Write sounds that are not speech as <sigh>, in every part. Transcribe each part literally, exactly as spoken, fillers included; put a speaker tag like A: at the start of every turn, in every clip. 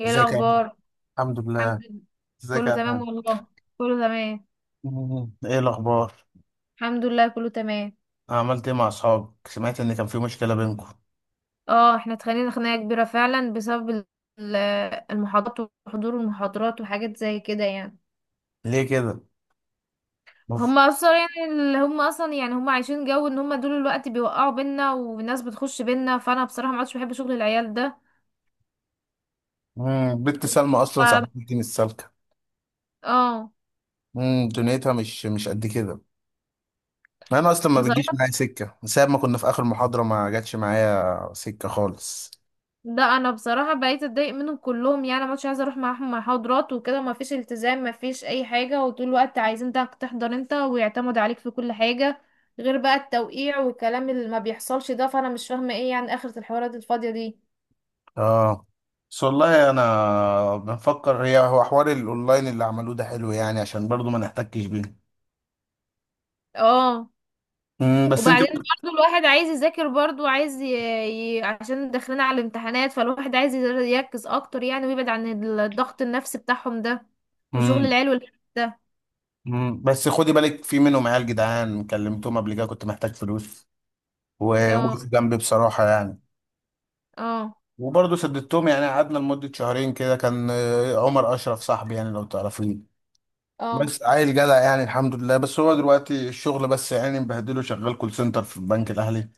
A: ايه
B: ازيك يا أحمد؟
A: الاخبار؟
B: الحمد
A: الحمد
B: لله.
A: لله،
B: ازيك
A: كله
B: يا
A: تمام
B: أحمد.
A: والله، كله تمام.
B: مم. ايه الاخبار؟
A: الحمد لله، كله تمام.
B: عملت ايه مع اصحابك، سمعت ان كان في مشكله بينكم.
A: اه احنا اتخانقنا خناقه كبيره فعلا بسبب ال- ال- المحاضرات وحضور المحاضرات وحاجات زي كده يعني.
B: ليه كده؟ مف...
A: هما اصلا يعني اللي هما اصلا يعني هما عايشين جو ان هما دول الوقت بيوقعوا بينا والناس بتخش بينا، فانا بصراحه ما عادش بحب شغل العيال ده.
B: مم. بنت سلمى اصلا
A: ف-
B: صاحبتي مش سالكه.
A: اه،
B: مم. دنيتها مش مش قد كده. انا اصلا ما بتجيش
A: بصراحه،
B: معايا سكه من ساعه ما كنا في اخر محاضره، ما جاتش معايا سكه خالص.
A: لا انا بصراحه بقيت اتضايق منهم كلهم، يعني ما كنتش عايزه اروح معاهم محاضرات وكده، ما فيش التزام، ما فيش اي حاجه، وطول الوقت عايزين ده تحضر انت ويعتمد عليك في كل حاجه، غير بقى التوقيع والكلام اللي ما بيحصلش ده. فانا مش فاهمه ايه يعني اخره الحوارات الفاضيه دي.
B: اه، بس والله انا بنفكر هي هو حوار الاونلاين اللي عملوه ده حلو يعني، عشان برضو ما نحتكش بيه.
A: اه،
B: مم. بس انت.
A: وبعدين برضو الواحد عايز يذاكر، برضو عايز ي... ي... عشان داخلين على الامتحانات، فالواحد عايز يركز اكتر يعني، ويبعد عن الضغط النفسي بتاعهم ده، وشغل
B: مم.
A: العيال والحاجات ده.
B: مم. بس خدي بالك، في منهم عيال جدعان كلمتهم قبل كده كنت محتاج فلوس،
A: اه،
B: ووقفوا جنبي بصراحة يعني.
A: اه،
B: وبرضه سددتهم يعني، قعدنا لمدة شهرين كده، كان آه، عمر أشرف صاحبي، يعني لو تعرفيه.
A: اه،
B: بس عيل جدع يعني، الحمد لله. بس هو دلوقتي الشغل بس يعني مبهدله، شغال كول سنتر في البنك الأهلي.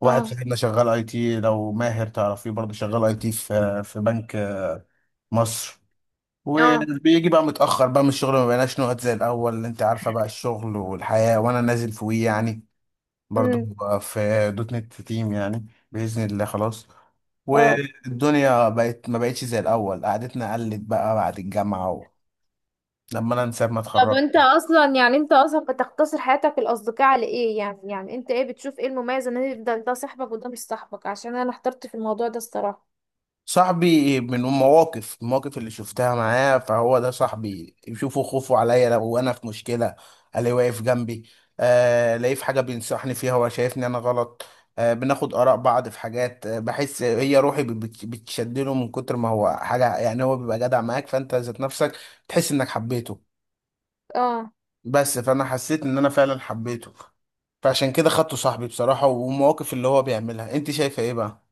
B: واحد
A: اه،
B: صاحبنا شغال اي تي، لو ماهر تعرفيه برضه، شغال اي تي في في بنك آه، مصر.
A: اه.
B: وبيجي بقى متأخر بقى من الشغل، ما بقيناش نقعد زي الأول. انت عارفة بقى الشغل والحياة، وانا نازل فوقيه يعني برضو
A: مم.
B: في دوت نت تيم يعني. بإذن الله خلاص.
A: اه.
B: والدنيا بقت ما بقتش زي الأول قعدتنا، قلت بقى بعد الجامعة و... لما أنا نسيب ما
A: طب
B: اتخرج.
A: انت اصلا يعني انت اصلا بتقتصر حياتك الاصدقاء على ايه؟ يعني يعني انت ايه، بتشوف ايه المميز ان يفضل ده صاحبك وده مش صاحبك؟ عشان انا احترت في الموضوع ده الصراحة.
B: صاحبي من المواقف المواقف اللي شفتها معاه، فهو ده صاحبي. يشوفوا خوفه عليا لو أنا في مشكلة، ألاقيه واقف جنبي. آه، لاقيه في حاجة بينصحني فيها هو شايفني أنا غلط. آه، بناخد آراء بعض في حاجات. آه، بحس هي روحي بت- بتشدله، من كتر ما هو حاجة يعني، هو بيبقى جدع معاك فأنت ذات نفسك تحس انك حبيته.
A: اه.
B: بس فانا حسيت ان انا فعلا حبيته. فعشان كده خدته صاحبي بصراحة. والمواقف اللي هو بيعملها انت شايفة ايه بقى؟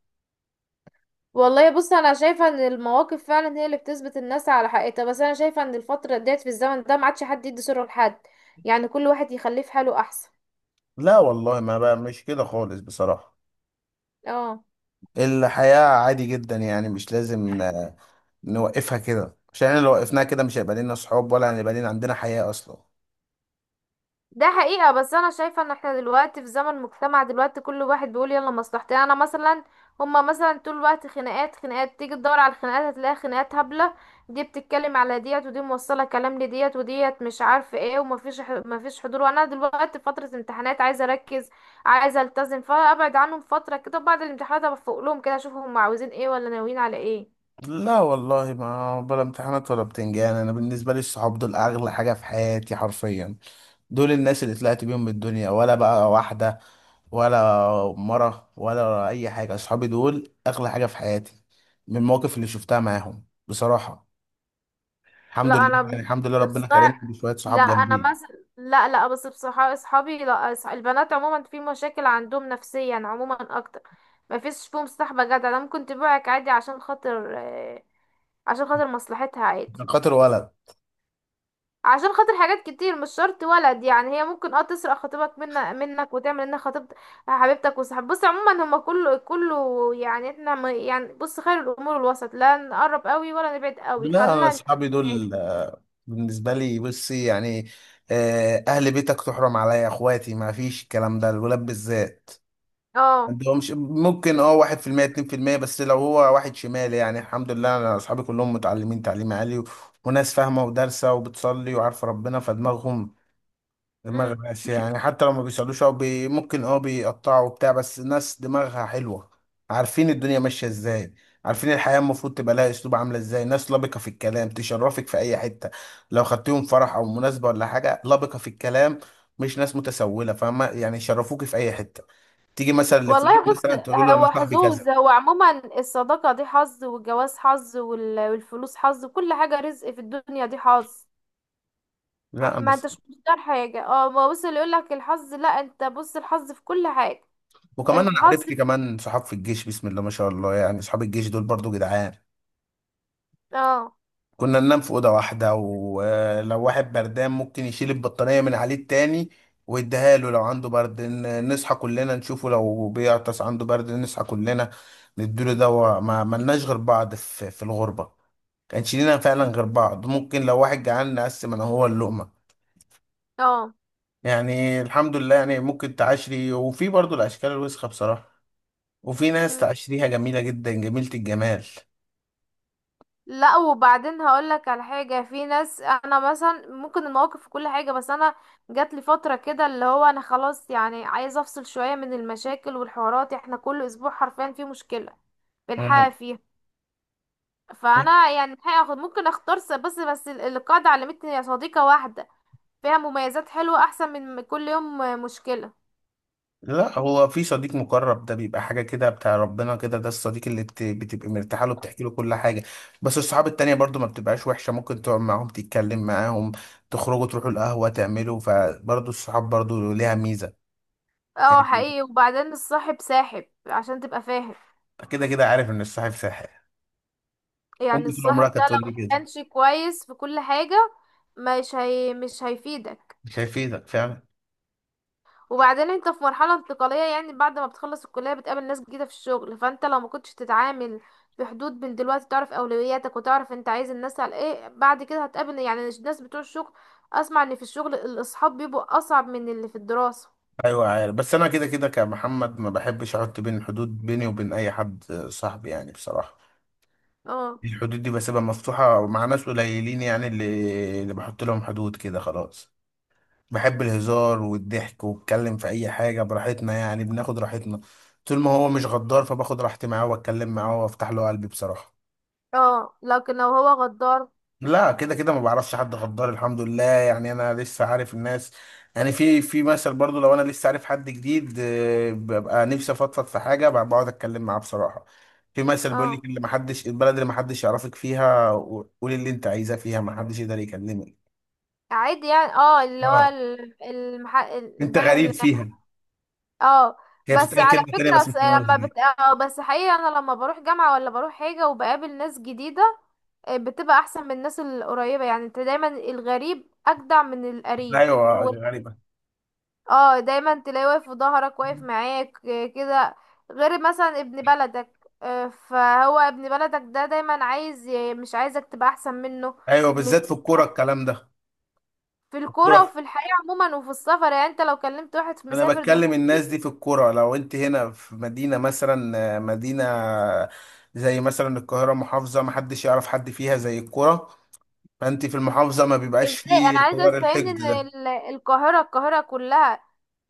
A: والله بص، انا شايفة ان المواقف فعلا هي اللي بتثبت الناس على حقيقتها، بس انا شايفة ان الفترة ديت في الزمن ده ما عادش حد يدي سره لحد، يعني كل واحد يخليه في حاله احسن.
B: لا والله، ما بقى مش كده خالص بصراحة.
A: اه.
B: الحياة عادي جدا يعني، مش لازم ن- نوقفها كده، عشان لو وقفناها كده مش هيبقى لنا صحاب، ولا هيبقى لنا عندنا حياة اصلا.
A: ده حقيقة، بس انا شايفة ان احنا دلوقتي في زمن، مجتمع دلوقتي كل واحد بيقول يلا مصلحتي، يعني انا مثلا، هما مثلا طول الوقت خناقات خناقات، تيجي تدور على الخناقات هتلاقي خناقات هبلة. دي بتتكلم على ديت، ودي موصلة كلام لديت وديت مش عارفة ايه، ومفيش ح- مفيش حضور، وانا دلوقتي في فترة امتحانات عايزة اركز، عايزة التزم، فابعد عنهم فترة كده. بعد الامتحانات ابقى فوق لهم كده، اشوف هما عاوزين ايه ولا ناويين على ايه.
B: لا والله، ما بلا امتحانات ولا بتنجان. انا بالنسبه لي الصحاب دول اغلى حاجه في حياتي حرفيا. دول الناس اللي طلعت بيهم من الدنيا، ولا بقى واحده ولا مره ولا اي حاجه. اصحابي دول اغلى حاجه في حياتي، من المواقف اللي شفتها معاهم بصراحه. الحمد
A: لا
B: لله
A: انا
B: يعني،
A: مش
B: الحمد لله ربنا كرمني بشويه
A: لا
B: صحاب
A: انا
B: جنبي.
A: مثلا لا، لا، بس بصراحه اصحابي، لا أص- البنات عموما في مشاكل عندهم نفسيا عموما اكتر. ما فيش فيهم صاحبه جدع. انا ممكن تبيعك عادي، عشان خاطر آه، عشان خاطر مصلحتها عادي.
B: عشان خاطر ولد.
A: عشان خاطر حاجات كتير، مش شرط ولد. يعني هي ممكن اه تسرق خطيبك من منك وتعمل انها خطيبت حبيبتك وصاحب. بص، عموما هما كله كله، يعني احنا ما- يعني بص، خير الامور الوسط، لا نقرب قوي ولا نبعد قوي،
B: لا، انا
A: خلينا نتعامل
B: اصحابي
A: عادي.
B: دول آه، بالنسبه لي بصي يعني. آه، اهل بيتك تحرم عليا اخواتي، ما فيش الكلام ده الولاد بالذات.
A: اه.
B: انت هو مش ممكن، اه، واحد في المية اتنين في المية، بس لو هو واحد شمال. يعني الحمد لله انا اصحابي كلهم متعلمين تعليم عالي و- وناس فاهمة ودارسة وبتصلي وعارفة ربنا، فدماغهم دماغ
A: امم.
B: ماشية يعني. حتى لو ما بيصلوش او بي ممكن اه بيقطعوا وبتاع، بس ناس دماغها حلوة. عارفين الدنيا ماشية ازاي، عارفين الحياة المفروض تبقى لها اسلوب عاملة ازاي. ناس لبقة في الكلام تشرفك في اي حتة، لو خدتيهم فرح او مناسبة ولا حاجة لبقة في الكلام. مش ناس متسولة، فاهمة يعني، يشرفوك في اي حتة. تيجي مثلا لفلان
A: والله بص،
B: مثلا تقول له انا
A: هو
B: صاحبي
A: حظوظ.
B: كذا.
A: هو عموما الصداقة دي حظ، والجواز حظ، وال- والفلوس حظ، كل حاجة رزق في الدنيا دي حظ. آه،
B: لا انا
A: ما
B: صاحبي.
A: انتش مختار حاجة. اه، ما بص اللي يقولك الحظ، لا، انت بص الحظ في كل حاجة.
B: وكمان انا
A: الحظ.
B: عرفت كمان صحاب في الجيش، بسم الله ما شاء الله يعني، صحاب الجيش دول برضو جدعان.
A: اه.
B: كنا ننام في اوضه واحده، ولو واحد بردان ممكن يشيل البطانيه من عليه التاني ويديها له. لو عنده برد، ن- نصحى كلنا نشوفه. لو بيعطس عنده برد نصحى كلنا نديله دواء. ما ملناش غير بعض في في الغربه، كانش لينا فعلا غير بعض. ممكن لو واحد جعان نقسم انا هو اللقمه
A: اه.
B: يعني، الحمد لله يعني. ممكن تعشري وفي برضو الأشكال الوسخة بصراحة، وفي ناس
A: مم.
B: تعشريها جميلة جدا جميلة الجمال.
A: لا، وبعدين هقولك على حاجة. في ناس، انا مثلا ممكن المواقف في كل حاجة، بس انا جات لي فترة كده اللي هو انا خلاص، يعني عايزة افصل شوية من المشاكل والحوارات. احنا كل اسبوع حرفيا في مشكلة بنحقق
B: مم.
A: فيها. فانا يعني الحقيقة هاخد، ممكن اختار س- بس بس ال- القاعدة علمتني يا صديقة واحدة فيها مميزات حلوة، احسن من م- كل يوم مشكلة.
B: لا هو في صديق مقرب، ده بيبقى حاجة كده بتاع ربنا كده، ده الصديق اللي بت... بتبقى مرتاحة له بتحكي له كل حاجة. بس الصحاب التانية برضو ما بتبقاش وحشة، ممكن تقعد معاهم تتكلم معاهم، تخرجوا تروحوا القهوة تعملوا، فبرضو الصحاب برضو ليها ميزة
A: اه
B: يعني.
A: حقيقي. وبعدين الصاحب ساحب عشان تبقى فاهم.
B: كده كده عارف إن الصاحب ساحر، أمي
A: يعني
B: طول
A: الصاحب
B: عمرها
A: ده
B: كانت تقول
A: لو
B: لي كده.
A: مكانش كويس في كل حاجة، مش هي مش هيفيدك.
B: مش هيفيدك فعلا.
A: وبعدين انت في مرحلة انتقالية، يعني بعد ما بتخلص الكلية بتقابل ناس جديدة في الشغل، فانت لو ما كنتش تتعامل في حدود من دلوقتي، تعرف اولوياتك وتعرف انت عايز الناس على ايه. بعد كده هتقابل يعني الناس بتوع الشغل، اسمع ان في الشغل الاصحاب بيبقوا اصعب من اللي في الدراسة.
B: ايوه عارف، بس انا كده كده كمحمد ما بحبش احط بين حدود بيني وبين اي حد صاحبي يعني. بصراحه
A: اه.
B: الحدود دي بسيبها مفتوحه مع ناس قليلين يعني، اللي اللي بحط لهم حدود كده خلاص. بحب الهزار والضحك واتكلم في اي حاجه براحتنا، يعني بناخد راحتنا. طول ما هو مش غدار، فباخد راحتي معاه واتكلم معاه وافتح له قلبي بصراحه.
A: اه. لكن لو هو غدار.
B: لا كده كده ما بعرفش حد غدار الحمد لله يعني. انا لسه عارف الناس، يعني في في مثل برضو. لو انا لسه عارف حد جديد، آه، ببقى نفسي افضفض في حاجه، ب- بقعد اتكلم معاه بصراحه. في مثل بيقول
A: اه.
B: لك، اللي ما حدش البلد اللي ما حدش يعرفك فيها قولي اللي انت عايزاه فيها، ما حدش يقدر يكلمك.
A: عادي يعني. اه، اللي هو
B: اه.
A: ال- المح...
B: انت
A: البلد
B: غريب
A: اللي،
B: فيها.
A: اه.
B: هي
A: بس
B: بتتقال
A: على
B: كلمه تانيه
A: فكرة
B: بس مش
A: س-
B: هنقولها
A: لما
B: دي.
A: بت... اه بس حقيقة انا لما بروح جامعة ولا بروح حاجة وبقابل ناس جديدة، بتبقى احسن من الناس القريبة. يعني انت دايما الغريب اجدع من القريب.
B: ايوه
A: هو
B: غريبه.
A: اه دايما تلاقيه واقف في ظهرك، واقف معاك آه، كده، غير مثلا ابن بلدك. آه، فهو ابن بلدك ده دايما عايز ي- مش عايزك تبقى احسن منه.
B: ايوه
A: مش،
B: بالذات في الكوره الكلام ده.
A: في الكورة
B: الكوره،
A: وفي الحياة عموما وفي السفر. يعني انت لو كلمت واحد
B: انا
A: مسافر
B: بتكلم الناس
A: دلوقتي،
B: دي في الكرة. لو انت هنا في مدينة مثلا آه، مدينة زي مثلا القاهرة محافظة، محدش يعرف حد فيها زي الكرة. فانت في المحافظة ما بيبقاش
A: ازاي
B: فيه
A: انا عايزة
B: حوار
A: تفهمني
B: الحقد
A: ان
B: ده.
A: ال- القاهرة القاهرة كلها،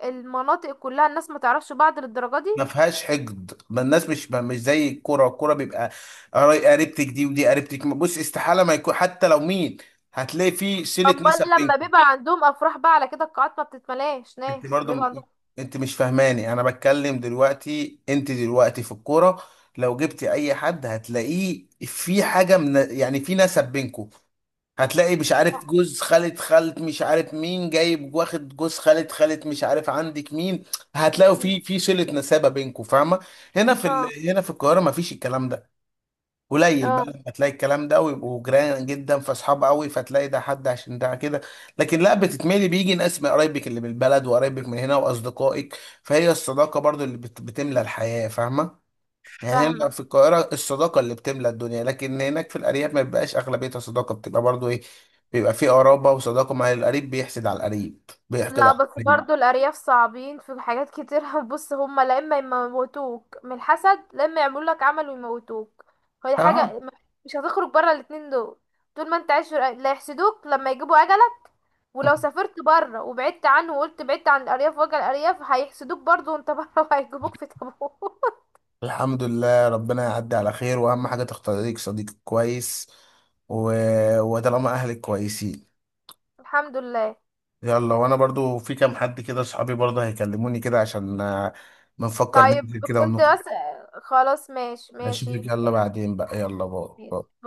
A: المناطق كلها، الناس ما تعرفش بعض للدرجة دي؟
B: ما فيهاش حقد، ما الناس مش ما- مش زي الكرة. الكرة بيبقى قري- قريبتك دي ودي قريبتك. بص استحالة ما يكون، حتى لو مين هتلاقي فيه صلة
A: امال
B: نسب.
A: لما بيبقى عندهم افراح بقى على كده القاعات ما بتتملاش
B: انت
A: ناس لما
B: برضو
A: بيبقى
B: م-
A: عندهم.
B: انت مش فاهماني. انا بتكلم دلوقتي، انت دلوقتي في الكوره، لو جبتي اي حد هتلاقيه في حاجه من يعني في نسب بينكم. هتلاقي مش عارف جوز خالة خالة مش عارف مين جايب، واخد جوز خالة خالة مش عارف عندك مين. هتلاقوا
A: اه.
B: في في صلة نسابة بينكم فاهمة. هنا في
A: اه.
B: ال... هنا في القاهرة مفيش الكلام ده. قليل بقى
A: آه،
B: لما تلاقي الكلام ده ويبقوا جيران جدا فاصحاب قوي، فتلاقي ده حد عشان ده كده. لكن لا، بتتملي بيجي ناس من قرايبك اللي بالبلد وقرايبك من هنا واصدقائك، فهي الصداقه برضو اللي بت- بتملى الحياه، فاهمه يعني. هنا
A: فاهمه.
B: في القاهره الصداقه اللي بتملى الدنيا، لكن هناك في الارياف ما بيبقاش اغلبيتها صداقه، بتبقى برضو ايه، بيبقى في قرابه وصداقه. مع القريب بيحسد على القريب، بيحقد
A: لا،
B: على
A: بس
B: القريب.
A: برضو الارياف صعبين في حاجات كتير <laughs> بص هما، لا اما يموتوك من الحسد، لا اما يعملوا لك عمل ويموتوك. فدي
B: اه،
A: حاجه م- <laughs> مش هتخرج بره الاتنين دول. طول ما انت عايش في الأ- لا، يحسدوك لما يجيبوا اجلك. ولو سافرت بره وبعدت عنه وقلت بعدت عن الارياف، واجل الارياف هيحسدوك برضو وانت بره <laughs> وهيجيبوك في تابوت.
B: الحمد لله ربنا يعدي على خير. واهم حاجه تختار لك صديق كويس و... وطالما اهلك كويسين.
A: <laughs> الحمد لله.
B: يلا، وانا برضو في كام حد كده صحابي برضو هيكلموني كده، عشان آه، بنفكر
A: طيب،
B: ننزل كده
A: كنت
B: ونخرج.
A: بس، خلاص. ماشي،
B: اشوفك،
A: ماشي
B: يلا
A: تمام.
B: بعدين بقى، يلا باي باي.
A: ماشي.